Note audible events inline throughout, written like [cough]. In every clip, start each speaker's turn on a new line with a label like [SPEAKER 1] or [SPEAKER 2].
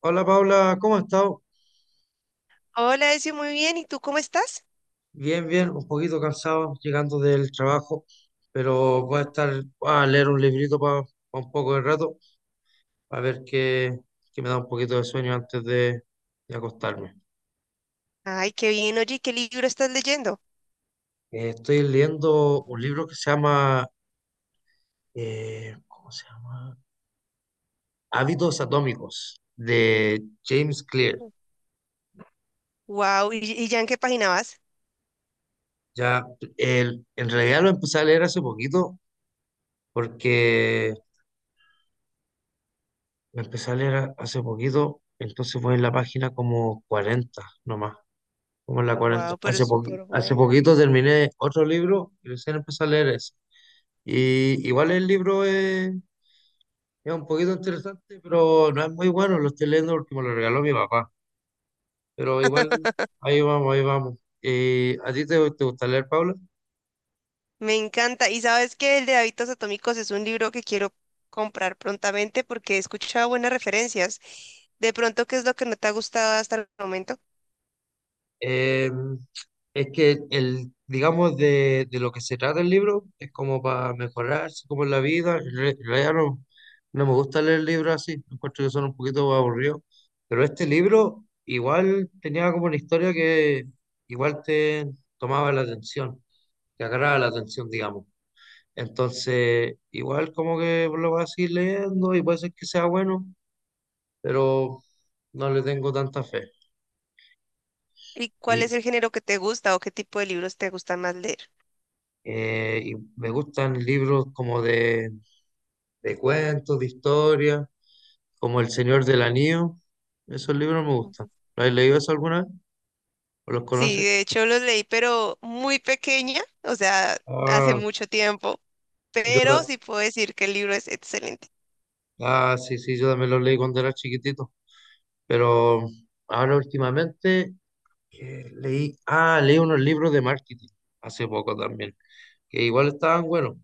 [SPEAKER 1] Hola Paula, ¿cómo has estado?
[SPEAKER 2] Hola, Ezio, muy bien. ¿Y tú cómo estás?
[SPEAKER 1] Bien, bien, un poquito cansado llegando del trabajo, pero voy a estar a leer un librito para un poco de rato, a ver qué, qué me da un poquito de sueño antes de acostarme.
[SPEAKER 2] Ay, qué bien. Oye, ¿qué libro estás leyendo?
[SPEAKER 1] Estoy leyendo un libro que se llama, ¿cómo se llama? Hábitos Atómicos, de James Clear.
[SPEAKER 2] Wow, ¿y ya en qué página vas?
[SPEAKER 1] Ya, en realidad lo empecé a leer hace poquito porque la empecé a leer hace poquito, entonces voy en la página como 40 nomás, como en la cuarenta.
[SPEAKER 2] Wow, pero es súper
[SPEAKER 1] Hace
[SPEAKER 2] bueno.
[SPEAKER 1] poquito terminé otro libro y recién empecé a leer ese. Y igual el libro es un poquito interesante, pero no es muy bueno, lo estoy leyendo porque me lo regaló mi papá. Pero igual ahí vamos, ahí vamos. ¿Y a ti te gusta leer, Paula?
[SPEAKER 2] Me encanta. Y sabes que el de Hábitos Atómicos es un libro que quiero comprar prontamente porque he escuchado buenas referencias. De pronto, ¿qué es lo que no te ha gustado hasta el momento?
[SPEAKER 1] Eh, es que el, digamos, de lo que se trata el libro es como para mejorarse, como en la vida. En realidad no, no me gusta leer libros así, encuentro que son un poquito aburridos. Pero este libro igual tenía como una historia que igual te tomaba la atención, te agarraba la atención, digamos. Entonces, igual como que lo vas a seguir leyendo y puede ser que sea bueno, pero no le tengo tanta fe.
[SPEAKER 2] ¿Y cuál es el género que te gusta o qué tipo de libros te gusta más leer?
[SPEAKER 1] Y me gustan libros como de cuentos, de historia, como El Señor del Anillo. Esos libros me gustan.
[SPEAKER 2] Ujú.
[SPEAKER 1] ¿Lo has leído eso alguna vez? ¿O los
[SPEAKER 2] Sí,
[SPEAKER 1] conoces?
[SPEAKER 2] de hecho los leí, pero muy pequeña, o sea, hace
[SPEAKER 1] Ah,
[SPEAKER 2] mucho tiempo.
[SPEAKER 1] yo
[SPEAKER 2] Pero
[SPEAKER 1] ta-
[SPEAKER 2] sí puedo decir que el libro es excelente.
[SPEAKER 1] ah, sí, sí, yo también los leí cuando era chiquitito. Pero ahora últimamente leí unos libros de marketing hace poco también, que igual estaban buenos.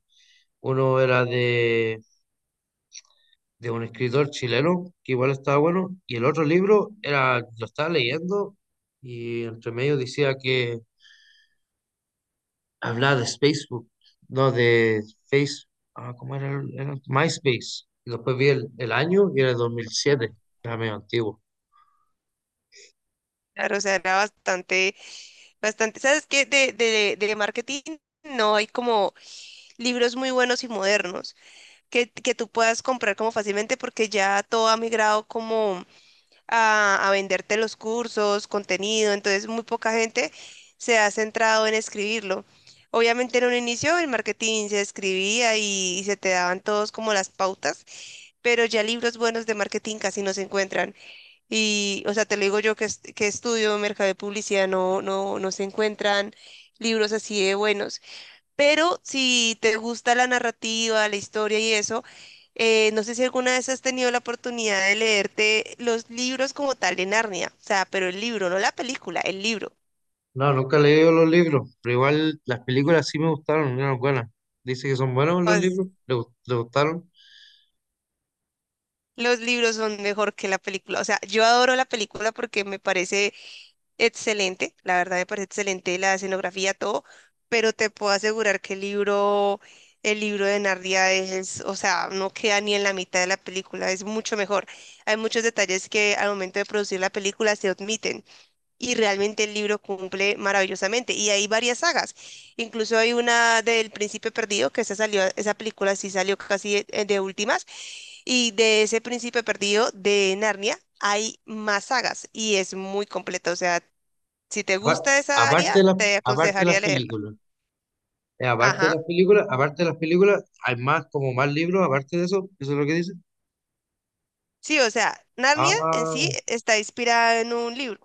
[SPEAKER 1] Uno era de un escritor chileno que igual estaba bueno, y el otro libro era, lo estaba leyendo y entre medio decía que hablaba de Facebook, no de Face, ah, ¿cómo era? Era MySpace. Y después vi el año y era el dos mil
[SPEAKER 2] Oh,
[SPEAKER 1] siete era medio antiguo.
[SPEAKER 2] claro, o sea, era bastante, bastante. ¿Sabes qué? De marketing no hay como libros muy buenos y modernos que tú puedas comprar como fácilmente porque ya todo ha migrado como a venderte los cursos, contenido, entonces muy poca gente se ha centrado en escribirlo. Obviamente en un inicio el marketing se escribía y se te daban todos como las pautas, pero ya libros buenos de marketing casi no se encuentran. Y, o sea, te lo digo yo que, que estudio mercado de publicidad, no se encuentran libros así de buenos. Pero si te gusta la narrativa, la historia y eso, no sé si alguna vez has tenido la oportunidad de leerte los libros como tal de Narnia. O sea, pero el libro, no la película, el libro.
[SPEAKER 1] No, nunca he leído los libros, pero igual las películas sí me gustaron, eran buenas. Dice que son buenos los
[SPEAKER 2] Pues,
[SPEAKER 1] libros, le gustaron.
[SPEAKER 2] los libros son mejor que la película. O sea, yo adoro la película porque me parece excelente, la verdad me parece excelente la escenografía, todo, pero te puedo asegurar que el libro de Narnia es, o sea, no queda ni en la mitad de la película, es mucho mejor. Hay muchos detalles que al momento de producir la película se omiten y realmente el libro cumple maravillosamente. Y hay varias sagas, incluso hay una del Príncipe Perdido, que esa salió, esa película sí salió casi de últimas. Y de ese Príncipe Perdido de Narnia hay más sagas y es muy completa. O sea, si te
[SPEAKER 1] Apar-
[SPEAKER 2] gusta esa
[SPEAKER 1] Aparte
[SPEAKER 2] área,
[SPEAKER 1] de las,
[SPEAKER 2] te
[SPEAKER 1] aparte de
[SPEAKER 2] aconsejaría
[SPEAKER 1] las
[SPEAKER 2] leerlo.
[SPEAKER 1] películas.
[SPEAKER 2] Ajá.
[SPEAKER 1] Aparte de las películas, hay más, como más libros, aparte de eso, eso es lo que dice.
[SPEAKER 2] Sí, o sea, Narnia en
[SPEAKER 1] Ah,
[SPEAKER 2] sí está inspirada en un libro.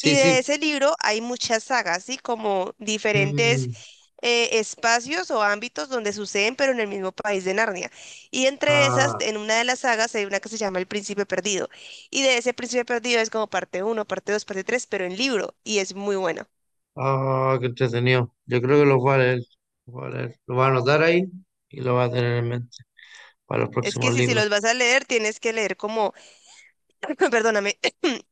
[SPEAKER 2] Y de
[SPEAKER 1] sí.
[SPEAKER 2] ese libro hay muchas sagas, ¿sí? Como diferentes
[SPEAKER 1] Mm,
[SPEAKER 2] espacios o ámbitos donde suceden, pero en el mismo país de Narnia. Y entre esas,
[SPEAKER 1] ah,
[SPEAKER 2] en una de las sagas hay una que se llama El Príncipe Perdido. Y de ese Príncipe Perdido es como parte uno, parte 2, parte 3, pero en libro. Y es muy bueno.
[SPEAKER 1] ah, qué entretenido. Yo creo que los va a leer, los va a leer. Lo va a anotar ahí y lo va a tener en mente para los
[SPEAKER 2] Es que
[SPEAKER 1] próximos
[SPEAKER 2] si
[SPEAKER 1] libros.
[SPEAKER 2] los vas a leer, tienes que leer como, [clears throat] [laughs] perdóname,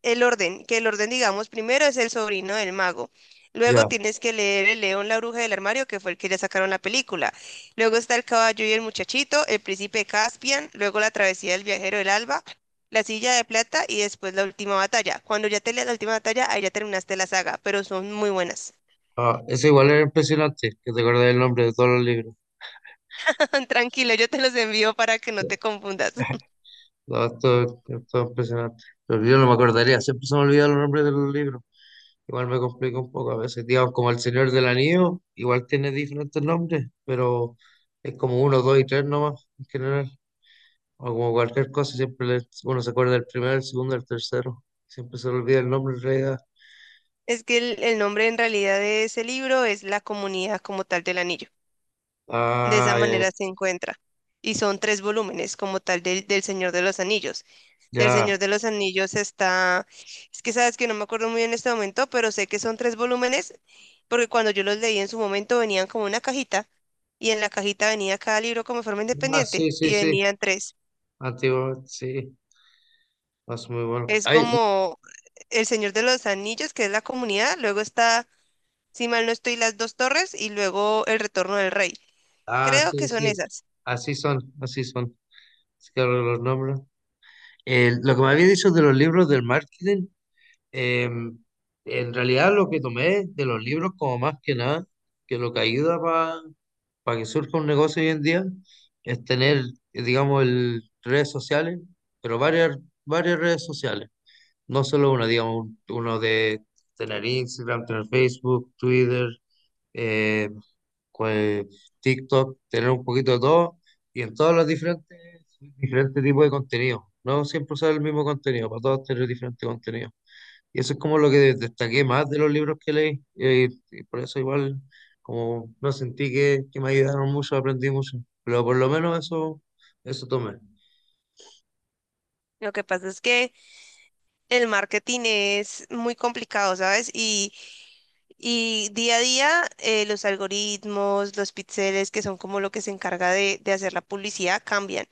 [SPEAKER 2] el orden, que el orden, digamos, primero es El sobrino del mago. Luego
[SPEAKER 1] Ya,
[SPEAKER 2] tienes que leer El León, la bruja del armario, que fue el que le sacaron la película. Luego está El caballo y el muchachito, El príncipe Caspian, luego La travesía del viajero del alba, La silla de plata y después La última batalla. Cuando ya te leas La última batalla, ahí ya terminaste la saga, pero son muy buenas.
[SPEAKER 1] ah, eso igual era impresionante, que te acordás el nombre de todos los libros.
[SPEAKER 2] [laughs] Tranquilo, yo te los envío para que no
[SPEAKER 1] Ya,
[SPEAKER 2] te confundas. [laughs]
[SPEAKER 1] todo, todo, impresionante. Pero yo no me acordaría, siempre se me olvidan los nombres de los libros. Igual me complica un poco a veces, digamos, como El Señor del Anillo, igual tiene diferentes nombres, pero es como uno, dos y tres nomás en general, o como cualquier cosa, siempre uno se acuerda del primero, el segundo, el tercero, siempre se le olvida el nombre en realidad.
[SPEAKER 2] Es que el nombre en realidad de ese libro es La comunidad como tal del anillo. De esa
[SPEAKER 1] Ah, ya,
[SPEAKER 2] manera se encuentra. Y son tres volúmenes, como tal, del Señor de los Anillos. Del
[SPEAKER 1] ya.
[SPEAKER 2] Señor de los Anillos está, es que sabes que no me acuerdo muy bien en este momento, pero sé que son tres volúmenes, porque cuando yo los leí en su momento venían como una cajita, y en la cajita venía cada libro como de forma
[SPEAKER 1] Ah, sí,
[SPEAKER 2] independiente,
[SPEAKER 1] sí,
[SPEAKER 2] y
[SPEAKER 1] sí,
[SPEAKER 2] venían tres.
[SPEAKER 1] antiguo, sí, es muy bueno.
[SPEAKER 2] Es
[SPEAKER 1] Ay,
[SPEAKER 2] como El Señor de los Anillos, que es La comunidad, luego está, si mal no estoy, Las Dos Torres, y luego El Retorno del Rey.
[SPEAKER 1] ah,
[SPEAKER 2] Creo que
[SPEAKER 1] sí,
[SPEAKER 2] son
[SPEAKER 1] sí,
[SPEAKER 2] esas.
[SPEAKER 1] así son, así son, así que ahora los nombres. Lo que me había dicho de los libros del marketing, Em, en realidad lo que tomé de los libros como más que nada, que lo que ayuda para que surja un negocio hoy en día es tener, digamos, el, redes sociales, pero varias, varias redes sociales, no solo una, digamos, uno de tener Instagram, tener Facebook, Twitter, eh, cual- TikTok, tener un poquito de todo y en todas las diferentes, diferentes tipos de contenido, no siempre usar el mismo contenido, para todos tener diferentes contenidos. Y eso es como lo que destaqué más de los libros que leí. Y por eso igual, como no sentí que me ayudaron mucho, aprendí mucho. Pero por lo menos eso, eso tomé.
[SPEAKER 2] Lo que pasa es que el marketing es muy complicado, ¿sabes? Y día a día los algoritmos, los píxeles, que son como lo que se encarga de hacer la publicidad, cambian.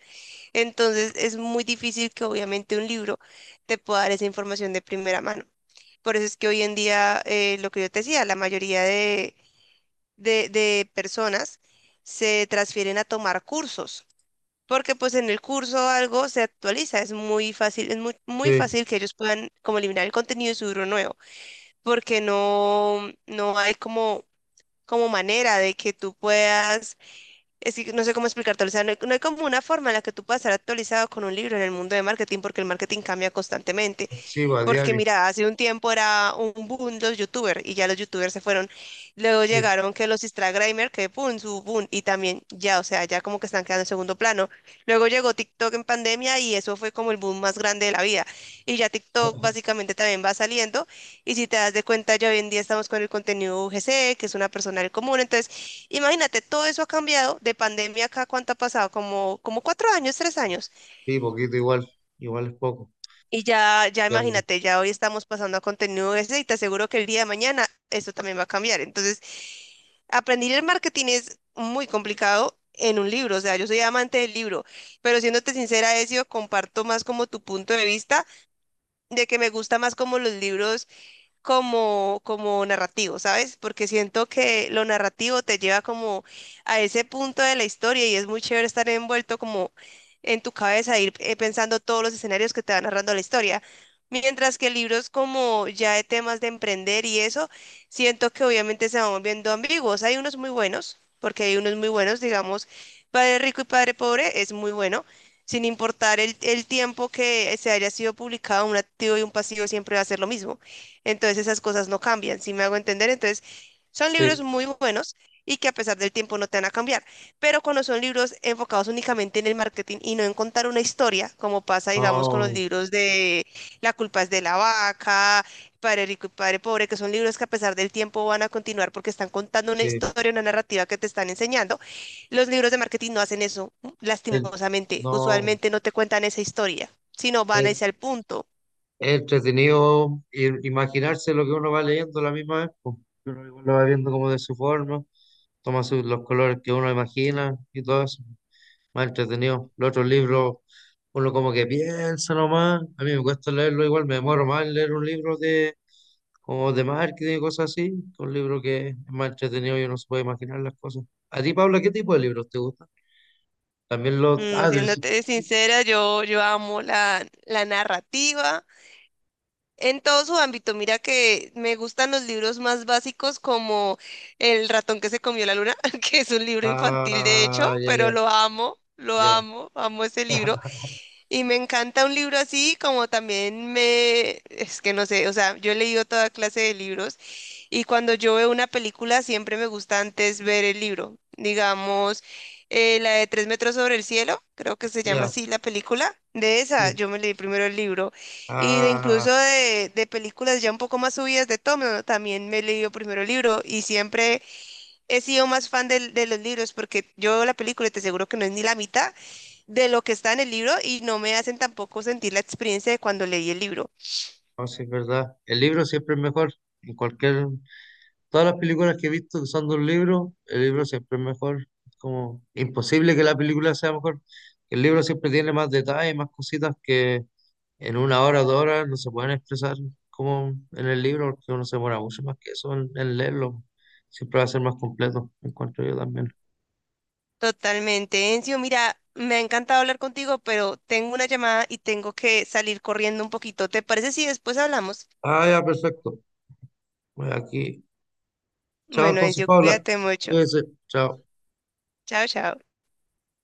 [SPEAKER 2] Entonces es muy difícil que obviamente un libro te pueda dar esa información de primera mano. Por eso es que hoy en día, lo que yo te decía, la mayoría de personas se transfieren a tomar cursos porque pues en el curso algo se actualiza, es muy fácil, es muy, muy
[SPEAKER 1] Sí,
[SPEAKER 2] fácil que ellos puedan como eliminar el contenido y subirlo nuevo, porque no, no hay como, como manera de que tú puedas, es que no sé cómo explicarte, o sea, no hay, no hay como una forma en la que tú puedas estar actualizado con un libro en el mundo de marketing, porque el marketing cambia constantemente
[SPEAKER 1] sí, pues, a
[SPEAKER 2] porque
[SPEAKER 1] diario.
[SPEAKER 2] mira, hace un tiempo era un boom los youtubers y ya los youtubers se fueron. Luego
[SPEAKER 1] Sí,
[SPEAKER 2] llegaron que los Instagramers, que boom, su boom, y también ya, o sea, ya como que están quedando en segundo plano. Luego llegó TikTok en pandemia y eso fue como el boom más grande de la vida. Y ya TikTok básicamente también va saliendo. Y si te das de cuenta, ya hoy en día estamos con el contenido UGC, que es una persona del común. Entonces, imagínate, todo eso ha cambiado de pandemia acá, ¿cuánto ha pasado? Como, como cuatro años, tres años.
[SPEAKER 1] sí, poquito igual. Igual es poco.
[SPEAKER 2] Y ya, ya
[SPEAKER 1] Y ando.
[SPEAKER 2] imagínate, ya hoy estamos pasando a contenido ese y te aseguro que el día de mañana eso también va a cambiar. Entonces, aprender el marketing es muy complicado en un libro, o sea, yo soy amante del libro, pero siéndote sincera, Ezio, comparto más como tu punto de vista de que me gusta más como los libros como, como narrativo, ¿sabes? Porque siento que lo narrativo te lleva como a ese punto de la historia y es muy chévere estar envuelto como en tu cabeza, ir pensando todos los escenarios que te va narrando la historia. Mientras que libros como ya de temas de emprender y eso, siento que obviamente se van volviendo ambiguos. Hay unos muy buenos, porque hay unos muy buenos, digamos, Padre Rico y Padre Pobre es muy bueno. Sin importar el tiempo que se haya sido publicado, un activo y un pasivo siempre va a ser lo mismo. Entonces esas cosas no cambian, si me hago entender. Entonces son
[SPEAKER 1] Sí,
[SPEAKER 2] libros muy buenos y que a pesar del tiempo no te van a cambiar. Pero cuando son libros enfocados únicamente en el marketing y no en contar una historia, como pasa, digamos, con los
[SPEAKER 1] no,
[SPEAKER 2] libros de La culpa es de la vaca, Padre rico y Padre pobre, que son libros que a pesar del tiempo van a continuar porque están contando una
[SPEAKER 1] sí.
[SPEAKER 2] historia, una narrativa que te están enseñando. Los libros de marketing no hacen eso,
[SPEAKER 1] el-
[SPEAKER 2] lastimosamente.
[SPEAKER 1] no,
[SPEAKER 2] Usualmente no te cuentan esa historia, sino van
[SPEAKER 1] es,
[SPEAKER 2] a irse al punto.
[SPEAKER 1] es entretenido imaginarse lo que uno va leyendo a la misma vez, pues. Uno igual lo va viendo como de su forma, los colores que uno imagina y todo eso. Más entretenido. Los otros libros, uno como que piensa nomás. A mí me cuesta leerlo igual, me demoro más en leer un libro de como de marketing y cosas así. Un libro que es más entretenido y uno se puede imaginar las cosas. A ti, Paula, ¿qué tipo de libros te gustan? También los...
[SPEAKER 2] No,
[SPEAKER 1] Ah, sí.
[SPEAKER 2] siéndote sincera, yo amo la, la narrativa en todo su ámbito. Mira que me gustan los libros más básicos como El ratón que se comió la luna, [laughs] que es un libro infantil de hecho,
[SPEAKER 1] Ah, ya,
[SPEAKER 2] pero lo
[SPEAKER 1] ya,
[SPEAKER 2] amo, amo ese
[SPEAKER 1] ya.
[SPEAKER 2] libro.
[SPEAKER 1] [laughs]
[SPEAKER 2] Y me encanta un libro así como también me, es que no sé, o sea, yo he leído toda clase de libros. Y cuando yo veo una película, siempre me gusta antes ver el libro. Digamos, la de Tres metros sobre el cielo, creo que se llama
[SPEAKER 1] Ya,
[SPEAKER 2] así la película. De esa,
[SPEAKER 1] sí.
[SPEAKER 2] yo me leí primero el libro. Y de
[SPEAKER 1] Ah,
[SPEAKER 2] incluso de películas ya un poco más subidas de tono, también me he leído primero el libro. Y siempre he sido más fan de, los libros, porque yo veo la película y te aseguro que no es ni la mitad de lo que está en el libro y no me hacen tampoco sentir la experiencia de cuando leí el libro.
[SPEAKER 1] no, sí, es verdad. El libro siempre es mejor en cualquier. Todas las películas que he visto que son de un libro, el libro siempre es mejor. Es como imposible que la película sea mejor. El libro siempre tiene más detalles, más cositas que en una hora, dos horas no se pueden expresar como en el libro, porque uno se demora mucho más que eso en leerlo. Siempre va a ser más completo, encuentro yo también.
[SPEAKER 2] Totalmente, Encio. Mira, me ha encantado hablar contigo, pero tengo una llamada y tengo que salir corriendo un poquito. ¿Te parece si después hablamos?
[SPEAKER 1] Ah, ya, perfecto. Voy aquí. Chao
[SPEAKER 2] Bueno,
[SPEAKER 1] entonces,
[SPEAKER 2] Encio,
[SPEAKER 1] Paula.
[SPEAKER 2] cuídate mucho.
[SPEAKER 1] Cuídese. Chao.
[SPEAKER 2] Chao, chao.